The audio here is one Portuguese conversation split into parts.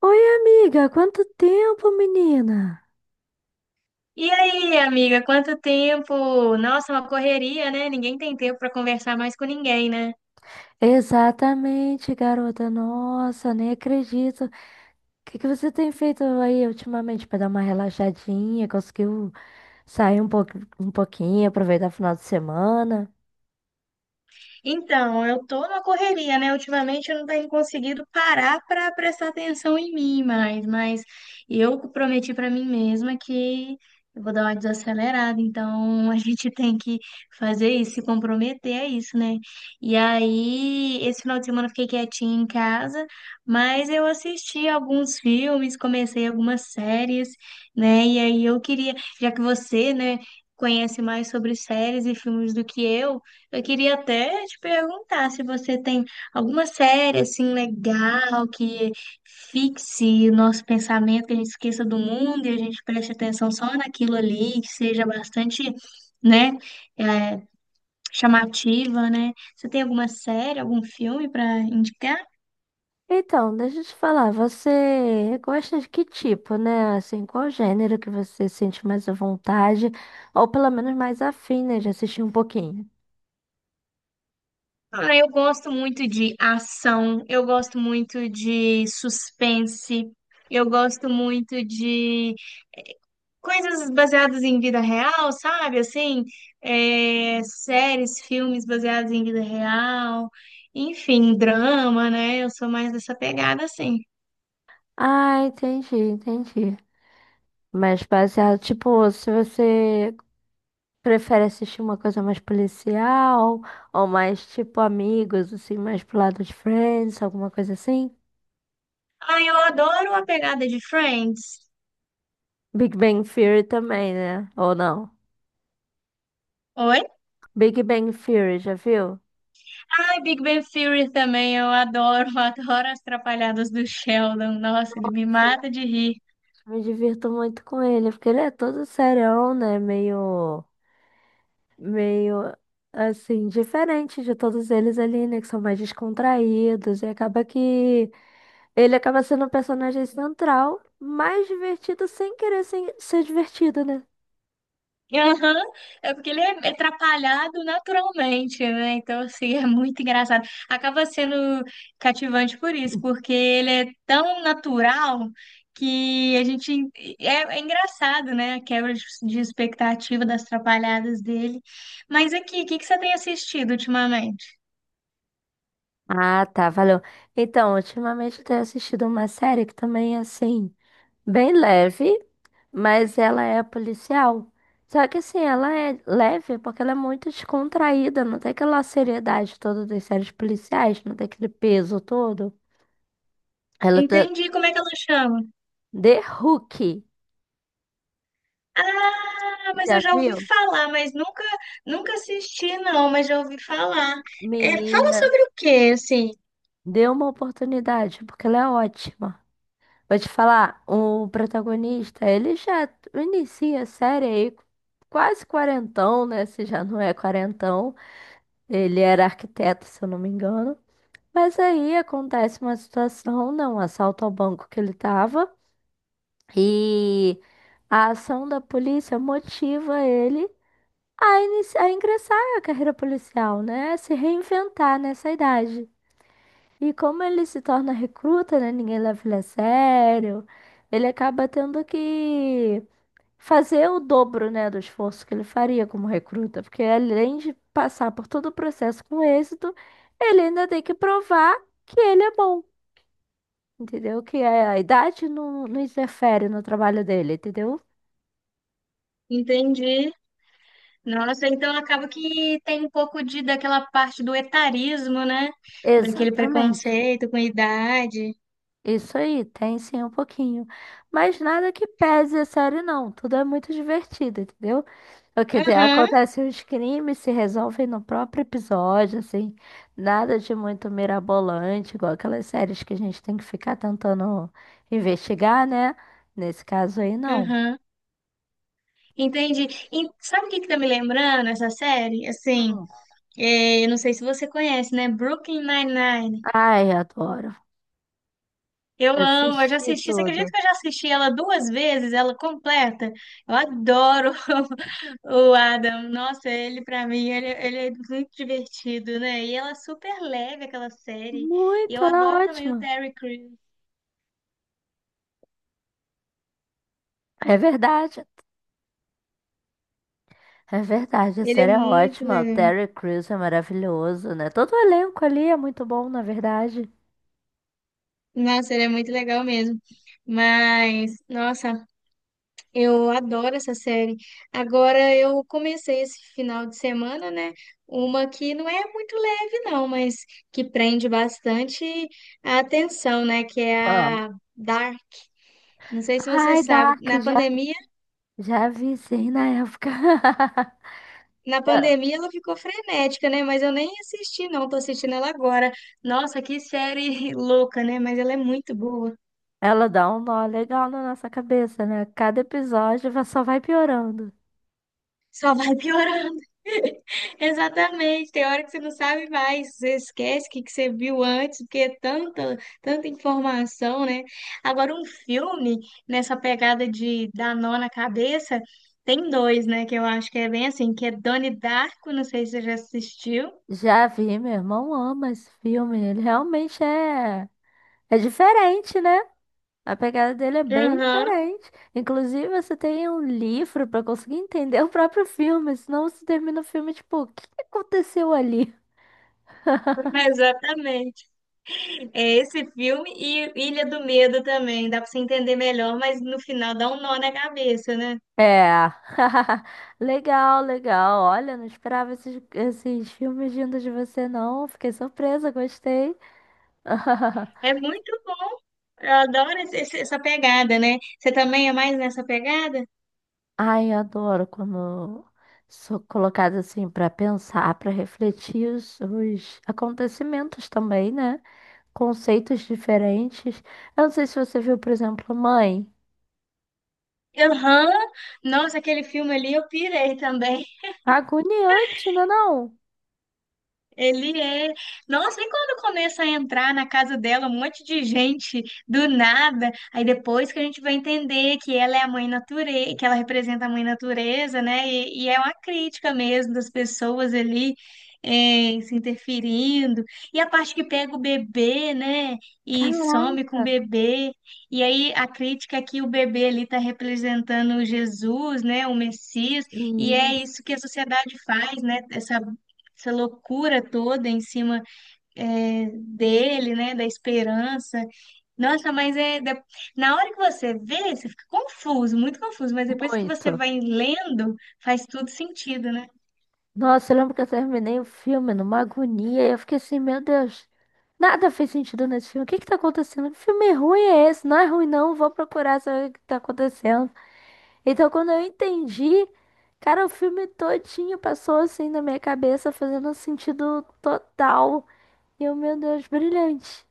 Oi, amiga, quanto tempo, menina? E aí, amiga, quanto tempo? Nossa, uma correria, né? Ninguém tem tempo para conversar mais com ninguém, né? Exatamente, garota. Nossa, nem acredito. O que que você tem feito aí ultimamente para dar uma relaxadinha? Conseguiu sair um pouco, um pouquinho, aproveitar o final de semana? Então, eu tô na correria, né? Ultimamente eu não tenho conseguido parar para prestar atenção em mim mais, mas eu prometi para mim mesma que eu vou dar uma desacelerada, então a gente tem que fazer isso, se comprometer a isso, né? E aí, esse final de semana eu fiquei quietinha em casa, mas eu assisti alguns filmes, comecei algumas séries, né? E aí eu queria, já que você, né, conhece mais sobre séries e filmes do que eu queria até te perguntar se você tem alguma série assim legal que fixe o nosso pensamento, que a gente esqueça do mundo e a gente preste atenção só naquilo ali, que seja bastante, né, eh, chamativa, né? Você tem alguma série, algum filme para indicar? Então, deixa eu te falar, você gosta de que tipo, né? Assim, qual gênero que você sente mais à vontade, ou pelo menos mais afim, né, de assistir um pouquinho? Ah, eu gosto muito de ação, eu gosto muito de suspense, eu gosto muito de coisas baseadas em vida real, sabe? Assim, é, séries, filmes baseados em vida real, enfim, drama, né? Eu sou mais dessa pegada, assim. Ah, entendi, entendi. Mas baseado, tipo, se você prefere assistir uma coisa mais policial ou mais tipo amigos, assim, mais pro lado de Friends, alguma coisa assim? Ah, eu adoro a pegada de Friends. Big Bang Theory também, né? Ou não? Oi? Big Bang Theory, já viu? Ai, Big Bang Theory também, eu adoro, adoro as trapalhadas do Sheldon. Nossa, ele me Nossa, mata de rir. eu me divirto muito com ele, porque ele é todo serião, né? Meio assim, diferente de todos eles ali, né? Que são mais descontraídos e acaba que ele acaba sendo o personagem central, mais divertido sem querer sem ser divertido, né? Aham. É porque ele é atrapalhado naturalmente, né? Então, assim, é muito engraçado. Acaba sendo cativante por isso, porque ele é tão natural que a gente. É, é engraçado, né? A quebra de expectativa das atrapalhadas dele. Mas aqui, o que que você tem assistido ultimamente? Ah, tá, valeu. Então, ultimamente eu tenho assistido uma série que também é assim, bem leve, mas ela é policial. Só que assim, ela é leve porque ela é muito descontraída, não tem aquela seriedade toda das séries policiais, não tem aquele peso todo. Ela tá Entendi, como é que ela chama? The Hook, Ah, mas eu já já ouvi viu? falar, mas nunca assisti, não, mas já ouvi falar. É, fala Menina, sobre o quê, assim? dê uma oportunidade, porque ela é ótima. Vou te falar, o protagonista, ele já inicia a série aí quase quarentão, né? Se já não é quarentão. Ele era arquiteto, se eu não me engano. Mas aí acontece uma situação, não, um assalto ao banco que ele tava. E a ação da polícia motiva ele a, ingressar na carreira policial, né? A se reinventar nessa idade. E como ele se torna recruta, né? Ninguém leva ele a sério. Ele acaba tendo que fazer o dobro, né, do esforço que ele faria como recruta, porque além de passar por todo o processo com êxito, ele ainda tem que provar que ele é bom, entendeu? Que a idade não, não interfere no trabalho dele, entendeu? Entendi. Nossa, então acaba que tem um pouco de daquela parte do etarismo, né? Daquele Exatamente. preconceito com idade. Isso aí, tem sim um pouquinho. Mas nada que pese a série, não. Tudo é muito divertido, entendeu? O Aham, acontece os crimes se resolvem no próprio episódio, assim. Nada de muito mirabolante, igual aquelas séries que a gente tem que ficar tentando investigar, né? Nesse caso aí, não. aham. Entendi. E sabe o que que tá me lembrando essa série? Assim, Hum. Eu não sei se você conhece, né? Brooklyn Nine-Nine. Ai, adoro. Eu amo, eu já Assisti assisti. Você acredita tudo. que eu já assisti ela duas vezes, ela completa? Eu adoro o Adam. Nossa, ele pra mim, ele é muito divertido, né? E ela é super leve, aquela série. E eu Muito, ela é adoro também o ótima. Terry Crews. É verdade. É verdade, a Ele é série é muito ótima. O legal. Terry Crews é maravilhoso, né? Todo o elenco ali é muito bom, na verdade. Nossa, ele é muito legal mesmo. Mas, nossa, eu adoro essa série. Agora eu comecei esse final de semana, né? Uma que não é muito leve, não, mas que prende bastante a atenção, né? Que é Qual? a Dark. Não sei se você Ai, sabe, Dark, já, já vi sim na época. na Ela pandemia ela ficou frenética, né? Mas eu nem assisti, não, tô assistindo ela agora. Nossa, que série louca, né? Mas ela é muito boa. ela dá um nó legal na nossa cabeça, né? Cada episódio só vai piorando. Só vai piorando. Exatamente. Tem hora que você não sabe mais, você esquece o que que você viu antes, porque é tanta informação, né? Agora, um filme nessa pegada de dar nó na cabeça, tem dois, né? Que eu acho que é bem assim, que é Donnie Darko, não sei se você já assistiu. Já vi, meu irmão ama esse filme. Ele realmente é, é diferente, né? A pegada dele é bem Aham, diferente. Inclusive, você tem um livro pra conseguir entender o próprio filme, senão você termina o filme tipo, o que que aconteceu ali? exatamente. É esse filme e Ilha do Medo também, dá pra você entender melhor, mas no final dá um nó na cabeça, né? É. Legal, legal. Olha, não esperava esses filmes vindo de você, não. Fiquei surpresa, gostei. É muito bom. Eu adoro essa pegada, né? Você também é mais nessa pegada? Ai, eu adoro quando sou colocada assim pra pensar, pra refletir os acontecimentos também, né? Conceitos diferentes. Eu não sei se você viu, por exemplo, Mãe. Aham. Nossa, aquele filme ali eu pirei também. Agoniante, não é não? Ele é. Nossa, e quando começa a entrar na casa dela um monte de gente do nada, aí depois que a gente vai entender que ela é a mãe natureza, que ela representa a mãe natureza, né? E é uma crítica mesmo das pessoas ali se interferindo. E a parte que pega o bebê, né? E some Caraca. com o bebê. E aí a crítica é que o bebê ali está representando Jesus, né? O Messias. E é Hum. isso que a sociedade faz, né? Essa loucura toda em cima é, dele, né, da esperança. Nossa, mas é da- na hora que você vê, você fica confuso, muito confuso, mas depois que você Muito. vai lendo, faz tudo sentido, né? Nossa, eu lembro que eu terminei o filme numa agonia. Eu fiquei assim, meu Deus, nada fez sentido nesse filme. O que que tá acontecendo? Que filme ruim é esse? Não é ruim, não. Vou procurar saber o que tá acontecendo. Então, quando eu entendi, cara, o filme todinho passou assim na minha cabeça, fazendo um sentido total. E eu, meu Deus, brilhante.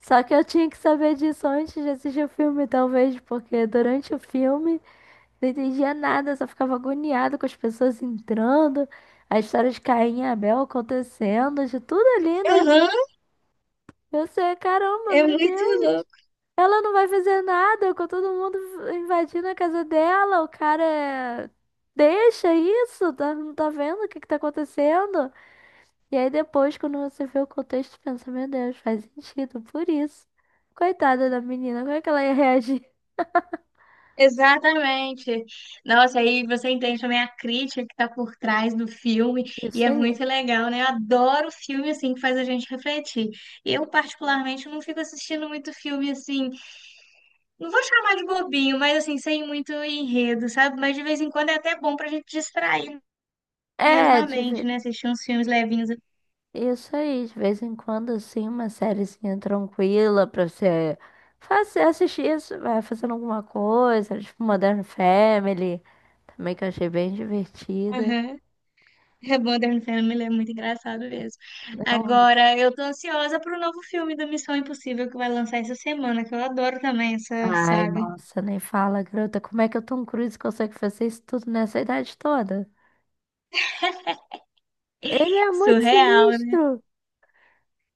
Só que eu tinha que saber disso antes de assistir o filme, talvez, porque durante o filme não entendia nada, só ficava agoniado com as pessoas entrando, a história de Caim e Abel acontecendo, de tudo ali, né? Uhum, Eu sei, caramba, é meu muito Deus, louco. ela não vai fazer nada com todo mundo invadindo a casa dela, o cara é, deixa isso, tá, não tá vendo o que que tá acontecendo? E aí depois, quando você vê o contexto, pensa, meu Deus, faz sentido, por isso. Coitada da menina, como é que ela ia reagir? Exatamente. Nossa, aí você entende também a crítica que tá por trás do filme, e Isso é muito aí. legal, né? Eu adoro filme assim que faz a gente refletir. Eu, particularmente, não fico assistindo muito filme assim. Não vou chamar de bobinho, mas assim, sem muito enredo, sabe? Mas de vez em quando é até bom pra gente distrair mesmo É, a de mente, ve- né? Assistir uns filmes levinhos. isso aí, de vez em quando, assim, uma sériezinha tranquila pra você fazer, assistir isso, vai fazendo alguma coisa, tipo Modern Family, também que eu achei bem divertida. Aham. É bom, Modern Family é muito engraçado mesmo. Não, Agora, eu tô ansiosa pro novo filme do Missão Impossível que vai lançar essa semana, que eu adoro também essa ai, saga. nossa, nem fala, garota, como é que o Tom Cruise consegue fazer isso tudo nessa idade toda? Ele é muito Surreal, né? sinistro!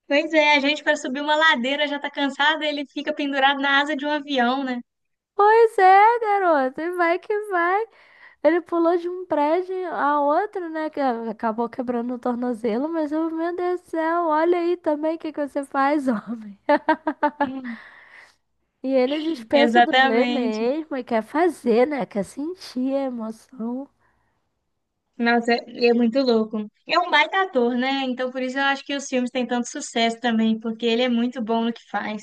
Pois é, a gente para subir uma ladeira já tá cansada, ele fica pendurado na asa de um avião, né? Pois é, garota, e vai que vai. Ele pulou de um prédio a outro, né? Que acabou quebrando o tornozelo, mas eu, meu Deus do céu, olha aí também o que que você faz, homem. Hum. E ele dispensa o dublê Exatamente. mesmo e quer fazer, né? Quer sentir a emoção. Nossa, é muito louco. É um baita ator, né? Então por isso eu acho que os filmes têm tanto sucesso também, porque ele é muito bom no que faz.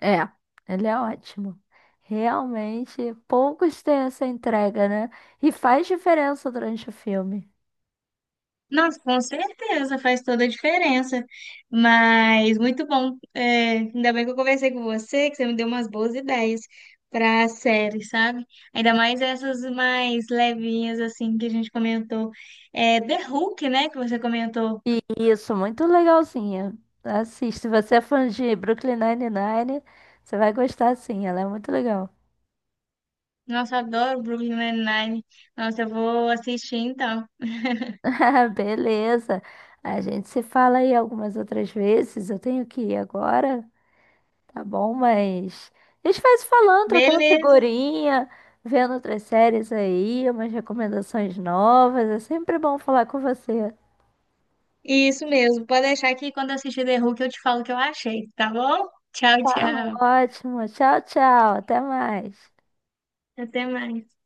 É, ele é ótimo. Realmente, poucos têm essa entrega, né? E faz diferença durante o filme. Nossa, com certeza, faz toda a diferença. Mas muito bom. É, ainda bem que eu conversei com você, que você me deu umas boas ideias para série, sabe? Ainda mais essas mais levinhas, assim, que a gente comentou. É, The Hulk, né? Que você comentou. Isso, muito legalzinha. Assiste, se você é fã de Brooklyn Nine-Nine, você vai gostar sim, ela é muito legal. Nossa, eu adoro Brooklyn Nine-Nine. Nossa, eu vou assistir então. Beleza, a gente se fala aí algumas outras vezes, eu tenho que ir agora, tá bom? Mas a gente vai se falando, trocando Beleza. figurinha, vendo outras séries aí, umas recomendações novas, é sempre bom falar com você. Isso mesmo. Pode deixar que quando eu assistir The Hulk eu te falo o que eu achei, tá bom? Tchau, Tá tchau. ótimo, tchau, tchau, até mais. Até mais.